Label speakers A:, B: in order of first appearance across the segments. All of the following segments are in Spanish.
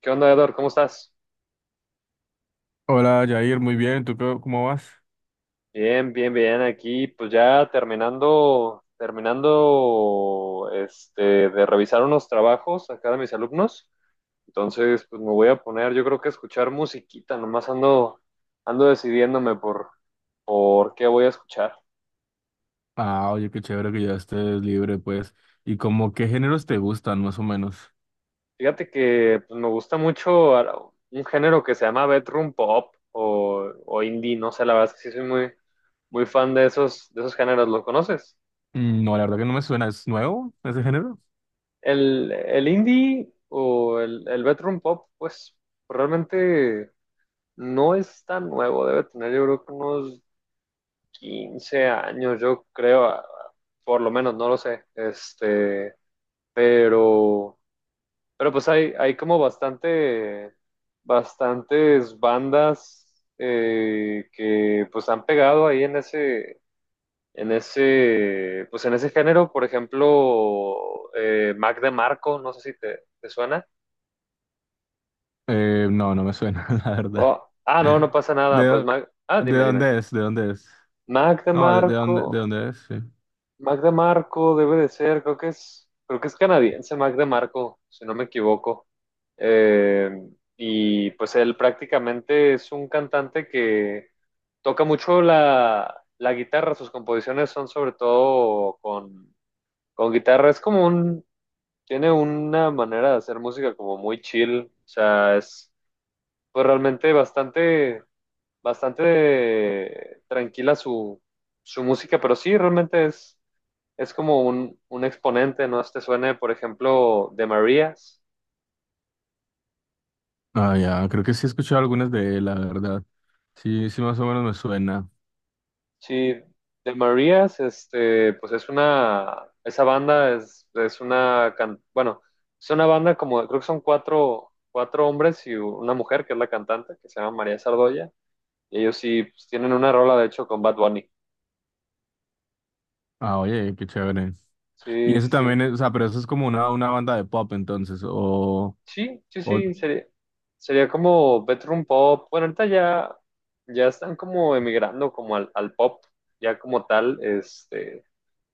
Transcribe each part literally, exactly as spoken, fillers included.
A: ¿Qué onda, Edor? ¿Cómo estás?
B: Hola, Jair, muy bien. ¿Tú qué- ¿cómo vas?
A: Bien, bien, bien. Aquí, pues ya terminando, terminando, este, de revisar unos trabajos acá de mis alumnos. Entonces, pues me voy a poner, yo creo que a escuchar musiquita. Nomás ando, ando decidiéndome por, por qué voy a escuchar.
B: Ah, oye, qué chévere que ya estés libre, pues. ¿Y como qué géneros te gustan, más o menos?
A: Fíjate que pues, me gusta mucho a- un género que se llama bedroom pop o, o indie. No sé, la verdad es que sí soy muy, muy fan de esos, de esos géneros. ¿Lo conoces?
B: Mm, no, la verdad que no me suena. ¿Es nuevo ese género?
A: El, el indie o el, el bedroom pop, pues realmente no es tan nuevo, debe tener yo creo que unos quince años, yo creo, a- a- por lo menos, no lo sé. Este, pero, pero pues hay, hay como bastante, bastantes bandas eh, que pues han pegado ahí en ese, en ese, pues en ese género, por ejemplo, eh, Mac DeMarco, no sé si te te suena.
B: Eh, no, no me suena, la verdad.
A: Oh, ah, no, no pasa
B: ¿De,
A: nada. Pues
B: dó-
A: Mag- ah,
B: ¿De
A: dime, dime.
B: dónde es? ¿De dónde es?
A: Mac
B: No, ¿de, de dónde, ¿de
A: Marco,
B: dónde es? Sí.
A: Mac Marco debe de ser, creo que es, creo que es canadiense Mac Marco, si no me equivoco. Eh, y pues él prácticamente es un cantante que toca mucho la, la guitarra, sus composiciones son sobre todo con, con guitarra, es como un, tiene una manera de hacer música como muy chill, o sea, es pues realmente bastante bastante tranquila su, su música, pero sí, realmente es, es como un, un exponente, ¿no? Este suene, por ejemplo, de Marías.
B: Ah, ya, creo que sí he escuchado algunas de él, la verdad. Sí, sí, más o menos me suena.
A: Sí, de Marías, este, pues es una, esa banda es, es una, can- bueno, es una banda como, creo que son cuatro, cuatro hombres y una mujer, que es la cantante, que se llama María Sardoya, y ellos sí, pues, tienen una rola, de hecho, con Bad Bunny.
B: Ah, oye, qué chévere. Y
A: Sí, sí,
B: eso
A: sí.
B: también es, o sea, pero eso es como una, una banda de pop, entonces, o...
A: Sí, sí,
B: o,
A: sí, sería, sería como bedroom pop. Bueno, ahorita ya, ya están como emigrando como al, al pop, ya como tal, este,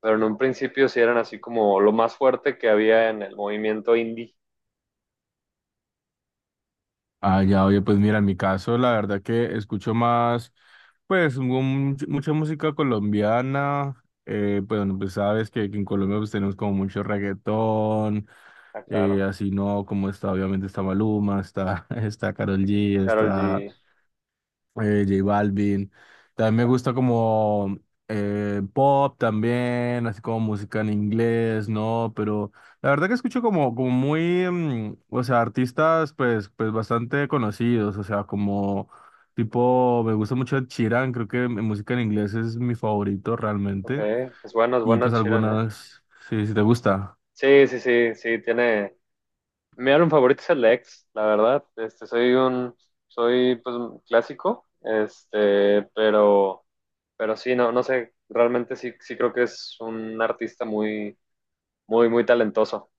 A: pero en un principio sí eran así como lo más fuerte que había en el movimiento indie.
B: ah, ya, oye, pues mira, en mi caso, la verdad que escucho más, pues, mu- mucha música colombiana. Eh, pues, bueno, pues sabes que, que en Colombia pues, tenemos como mucho reggaetón,
A: Ah,
B: eh,
A: claro.
B: así no, como está, obviamente está Maluma, está, está Karol G,
A: Karol
B: está
A: G.
B: eh, J Balvin. También me gusta como eh, pop también, así como música en inglés, ¿no? Pero la verdad que escucho como, como muy, mm, o sea, artistas pues, pues bastante conocidos, o sea, como tipo, me gusta mucho Ed Sheeran, creo que mi música en inglés es mi favorito
A: Ok,
B: realmente.
A: es bueno, es
B: Y
A: bueno
B: pues
A: Chiran, ¿eh?
B: algunas, sí, si te gusta,
A: Sí, sí, sí, sí, tiene... Mi álbum favorito es el ex, la verdad. Este, soy un, soy pues un clásico, este, pero... Pero sí, no, no sé, realmente sí, sí creo que es un artista muy, muy, muy talentoso.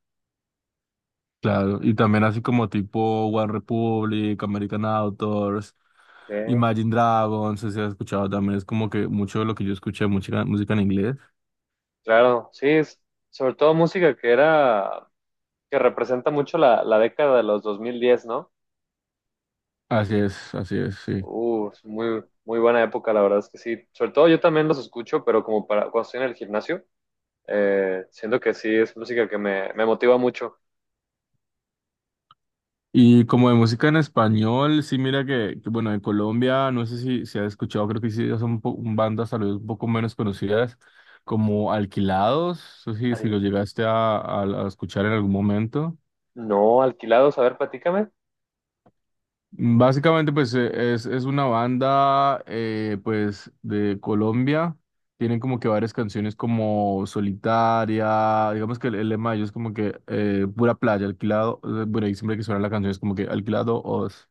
B: claro. Y también así como tipo One Republic, American Authors.
A: Sí,
B: Imagine Dragons, si has escuchado también, es como que mucho de lo que yo escuché, música, música en inglés.
A: claro, sí, es- sobre todo música que era, que representa mucho la, la década de los dos mil diez, ¿no?
B: Así es, así es, sí.
A: Uh, es muy, muy buena época, la verdad es que sí. Sobre todo yo también los escucho, pero como para cuando estoy en el gimnasio, eh, siento que sí, es música que me, me motiva mucho.
B: Y como de música en español, sí, mira que, que, bueno, en Colombia, no sé si, si has escuchado, creo que sí, ya son po- bandas tal vez un poco menos conocidas, como Alquilados, no sé si, si lo
A: Al-
B: llegaste a, a a escuchar en algún momento.
A: no, alquilados, a ver, platícame.
B: Básicamente, pues eh, es, es una banda eh, pues de Colombia. Tienen como que varias canciones como Solitaria. Digamos que el, el lema de ellos es como que eh, pura playa, alquilado. Eh, bueno, y siempre que suena la canción es como que alquilado os.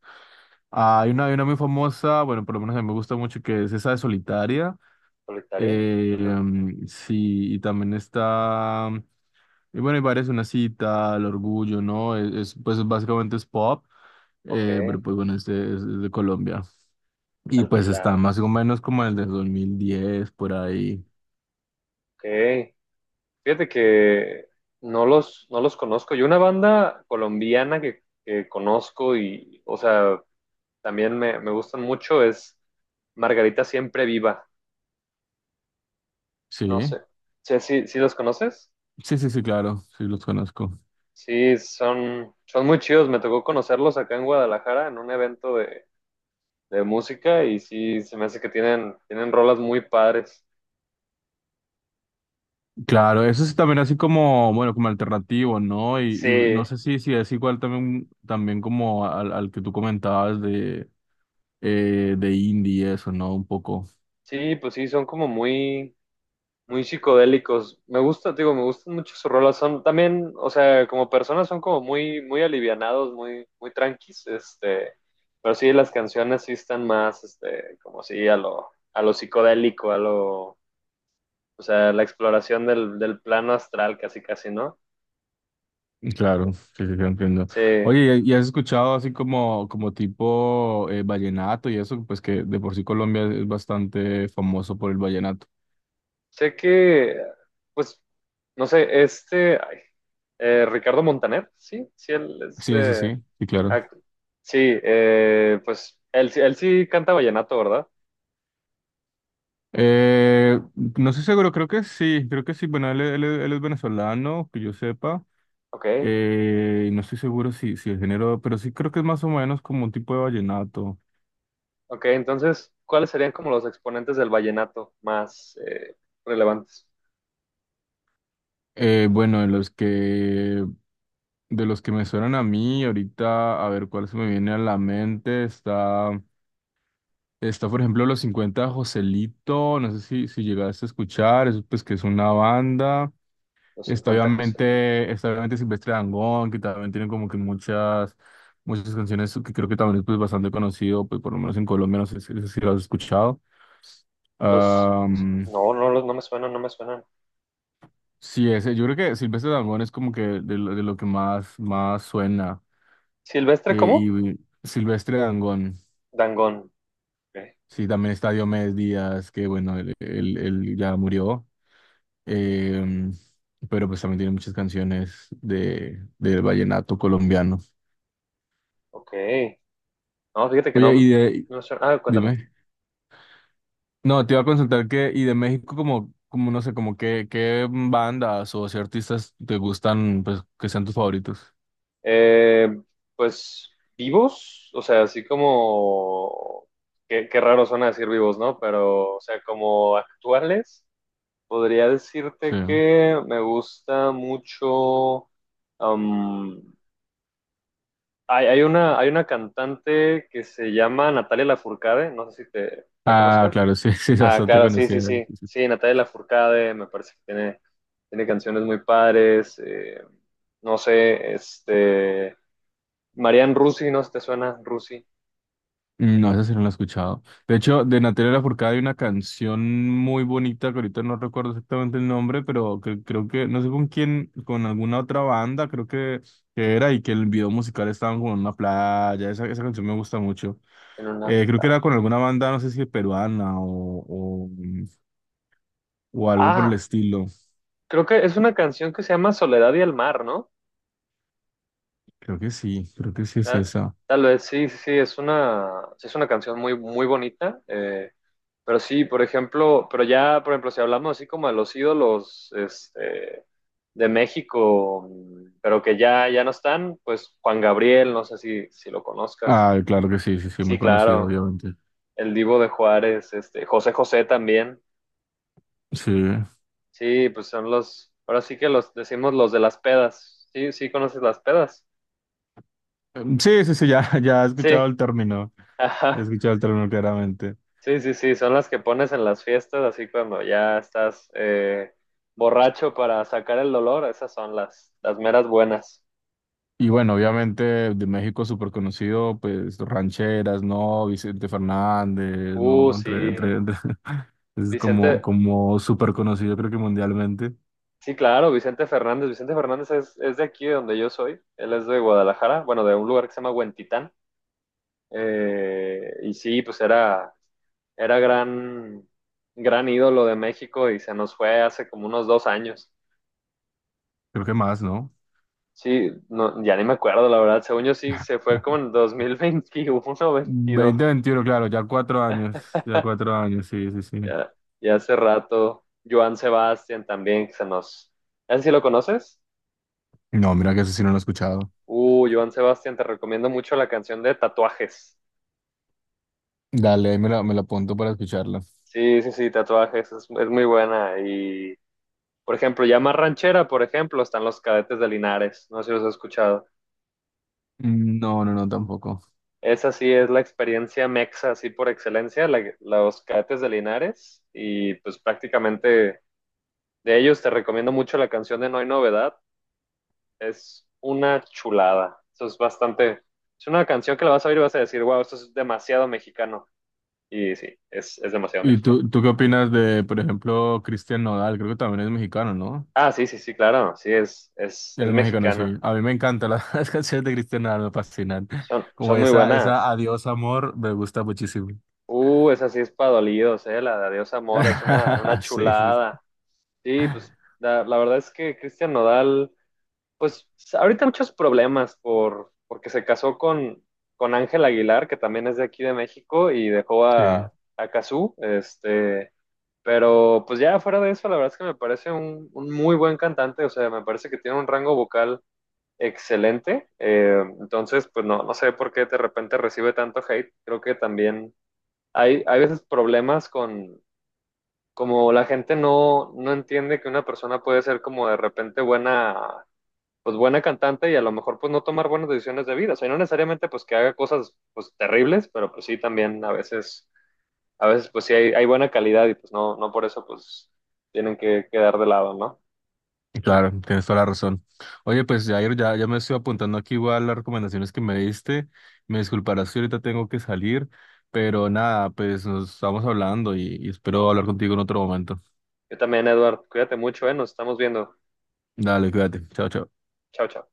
B: Ah, hay una, hay una muy famosa, bueno, por lo menos a mí me gusta mucho, que es esa de Solitaria.
A: Solitaria.
B: Eh,
A: Ajá.
B: mm, sí, y también está, y bueno, hay varias, una cita, el orgullo, ¿no? Es, es, pues básicamente es pop,
A: Ok,
B: eh, pero pues bueno, este es, es de Colombia. Y pues está más o
A: alquilados.
B: menos como el de dos mil diez por ahí.
A: Ok. Fíjate que no los, no los conozco. Yo una banda colombiana que, que conozco y, o sea, también me, me gustan mucho es Margarita Siempre Viva. No
B: Sí,
A: sé. Sí, sí, sí los conoces.
B: sí, sí, sí, claro, sí los conozco.
A: Sí, son, son muy chidos. Me tocó conocerlos acá en Guadalajara en un evento de, de música y sí, se me hace que tienen, tienen rolas muy padres.
B: Claro, eso es también así como, bueno, como alternativo, ¿no? Y, y no
A: Sí,
B: sé si, si es igual también, también como al, al que tú comentabas de, eh, de indie, eso, ¿no? Un poco.
A: sí, pues sí, son como muy muy psicodélicos. Me gusta, te digo, me gustan mucho sus rolas. Son también, o sea, como personas son como muy, muy alivianados, muy, muy tranquis, este, pero sí las canciones sí están más, este, como sí a lo, a lo psicodélico, a lo, o sea, la exploración del, del plano astral, casi, casi, ¿no?
B: Claro, sí, sí, sí, entiendo.
A: Sí,
B: Oye, ¿y y has escuchado así como, como tipo eh, vallenato y eso? Pues que de por sí Colombia es bastante famoso por el vallenato.
A: sé que, pues, no sé, este, ay, eh, Ricardo Montaner, sí, sí, él es,
B: Sí, sí,
A: eh,
B: sí, sí, claro.
A: ac- sí, eh, pues, él, sí- él sí canta vallenato, ¿verdad?
B: Eh, no estoy seguro, creo que sí, creo que sí. Bueno, él, él- él es venezolano, que yo sepa.
A: Ok,
B: Eh, no estoy seguro si, si el género, pero sí creo que es más o menos como un tipo de vallenato.
A: ok. Entonces, ¿cuáles serían como los exponentes del vallenato más eh, relevantes?
B: Eh, bueno, de los que de los que me suenan a mí, ahorita, a ver cuál se me viene a la mente, está. Está, por ejemplo, Los cincuenta de Joselito, no sé si, si llegaste a escuchar, es, pues que es una banda.
A: Los
B: Está
A: cincuenta José Luis.
B: obviamente, está obviamente Silvestre Dangond, que también tiene como que muchas, muchas canciones que creo que también es pues, bastante conocido, pues por lo menos en Colombia, no sé si, no sé si lo has escuchado.
A: Los...
B: Am,
A: No, no, los- no me suenan, no me suenan.
B: sí, ese, yo creo que Silvestre Dangond es como que de, lo de lo que más, más suena.
A: ¿Silvestre
B: Eh,
A: cómo?
B: y Silvestre Dangond,
A: Dangond. Ok.
B: sí, también está Diomedes Díaz, que bueno, él él- él ya murió. Eh, pero pues también tiene muchas canciones de, del vallenato colombiano.
A: Ok. No, fíjate que
B: Oye,
A: no,
B: y de,
A: no suena. Ah, cuéntame.
B: dime. No, te iba a consultar que, y de México como, como no sé, como qué, qué bandas o si artistas te gustan, pues, que sean tus favoritos.
A: Eh, pues, vivos, o sea, así como... Qué, qué raro suena decir vivos, ¿no? Pero, o sea, como actuales. Podría
B: Sí.
A: decirte que me gusta mucho. am, hay, hay una, hay una cantante que se llama Natalia Lafourcade, no sé si te la
B: Ah,
A: conozcas.
B: claro, sí, sí,
A: Ah,
B: bastante
A: claro, sí, sí,
B: conocida.
A: sí.
B: Sí, sí.
A: Sí, Natalia Lafourcade, me parece que tiene, tiene canciones muy padres. eh, no sé, este. Marianne Rusi, no sé si te suena Rusi
B: No, esa sí no la he escuchado. De hecho, de Natalia Lafourcade hay una canción muy bonita que ahorita no recuerdo exactamente el nombre, pero que, creo que, no sé con quién, con alguna otra banda, creo que, que era, y que el video musical estaba como en una playa. Esa, esa canción me gusta mucho.
A: en una.
B: Eh, creo que era con alguna banda, no sé si peruana o, o, o algo por el
A: Ah,
B: estilo.
A: creo que es una canción que se llama Soledad y el Mar, ¿no?
B: Creo que sí, creo que sí es
A: Tal,
B: esa.
A: tal vez, sí, sí, sí, es una, sí es una canción muy, muy bonita, eh, pero sí, por ejemplo, pero ya, por ejemplo, si hablamos así como de los ídolos este, de México, mm, pero que ya, ya no están, pues Juan Gabriel, no sé si, si lo conozcas.
B: Ah, claro que sí, sí, sí,
A: Sí,
B: muy conocido,
A: claro,
B: obviamente.
A: el Divo de Juárez, este, José José también.
B: Sí.
A: Sí, pues son los, ahora sí que los decimos los de las pedas. Sí, sí, conoces las pedas.
B: Em, Sí, sí, sí, ya, ya he
A: Sí,
B: escuchado el término, ya he escuchado el término claramente.
A: Sí, sí, sí, son las que pones en las fiestas, así cuando ya estás eh, borracho para sacar el dolor, esas son las, las meras buenas.
B: Y bueno, obviamente de México súper conocido, pues rancheras, ¿no? Vicente Fernández,
A: Uh,
B: ¿no? Entre,
A: sí,
B: entre, entre- es como,
A: Vicente,
B: como súper conocido, creo que mundialmente,
A: sí, claro, Vicente Fernández. Vicente Fernández es, es de aquí, de donde yo soy, él es de Guadalajara, bueno, de un lugar que se llama Huentitán, Eh, y sí, pues era, era gran, gran ídolo de México y se nos fue hace como unos dos años.
B: creo que más, ¿no?
A: Sí, no, ya ni me acuerdo, la verdad. Según yo sí, se fue como en dos mil veintiuno o veintidós.
B: Veinte veintiuno, claro, ya cuatro años, ya cuatro años, sí, sí, sí.
A: Ya, ya hace rato. Joan Sebastián también, que se nos... ¿Ese sí lo conoces?
B: No, mira que eso sí no lo he escuchado.
A: Uh, Joan Sebastián, te recomiendo mucho la canción de Tatuajes.
B: Dale, ahí me la, me la apunto para escucharla.
A: Sí, sí, sí, Tatuajes, es, es muy buena. Y, por ejemplo, ya más ranchera, por ejemplo, están Los Cadetes de Linares. No sé si los has escuchado.
B: Mm, no, no, no, tampoco.
A: Esa sí es la experiencia mexa, así por excelencia, la- los Cadetes de Linares. Y pues prácticamente de ellos te recomiendo mucho la canción de No hay novedad. Es una chulada. Eso es bastante. Es una canción que la vas a oír y vas a decir, wow, esto es demasiado mexicano. Y sí, es, es demasiado
B: ¿Y
A: mexicano.
B: tú, tú qué opinas de, por ejemplo, Cristian Nodal? Creo que también es mexicano, ¿no?
A: Ah, sí, sí, sí, claro. Sí, es, es,
B: Él
A: es
B: es mexicano,
A: mexicana.
B: sí. A mí me encantan las, las canciones de Cristian Nodal, me fascinan.
A: Son,
B: Como
A: son muy
B: esa, esa
A: buenas.
B: Adiós amor, me gusta muchísimo.
A: Uh, esa sí es para dolidos, eh. La de Adiós Amor es una, una
B: Sí, sí,
A: chulada. Sí, pues la, la verdad es que Cristian Nodal pues ahorita muchos problemas por, porque se casó con, con Ángel Aguilar, que también es de aquí de México, y dejó
B: sí.
A: a, a Cazú, este, pero pues ya fuera de eso, la verdad es que me parece un, un, muy buen cantante, o sea, me parece que tiene un rango vocal excelente, eh, entonces pues no, no sé por qué de repente recibe tanto hate, creo que también hay, hay veces problemas con, como la gente no, no entiende que una persona puede ser como de repente buena pues buena cantante y a lo mejor pues no tomar buenas decisiones de vida. O sea, no necesariamente pues que haga cosas pues terribles, pero pues sí también a veces, a veces pues sí hay, hay buena calidad y pues no, no por eso pues tienen que quedar de lado, ¿no?
B: Claro, tienes toda la razón. Oye, pues Jair, ya, ya me estoy apuntando aquí igual las recomendaciones que me diste. Me disculparás si ahorita tengo que salir, pero nada, pues nos estamos hablando y y espero hablar contigo en otro momento.
A: Yo también, Eduardo, cuídate mucho, ¿eh? Nos estamos viendo.
B: Dale, cuídate. Chao, chao.
A: Chao, chao.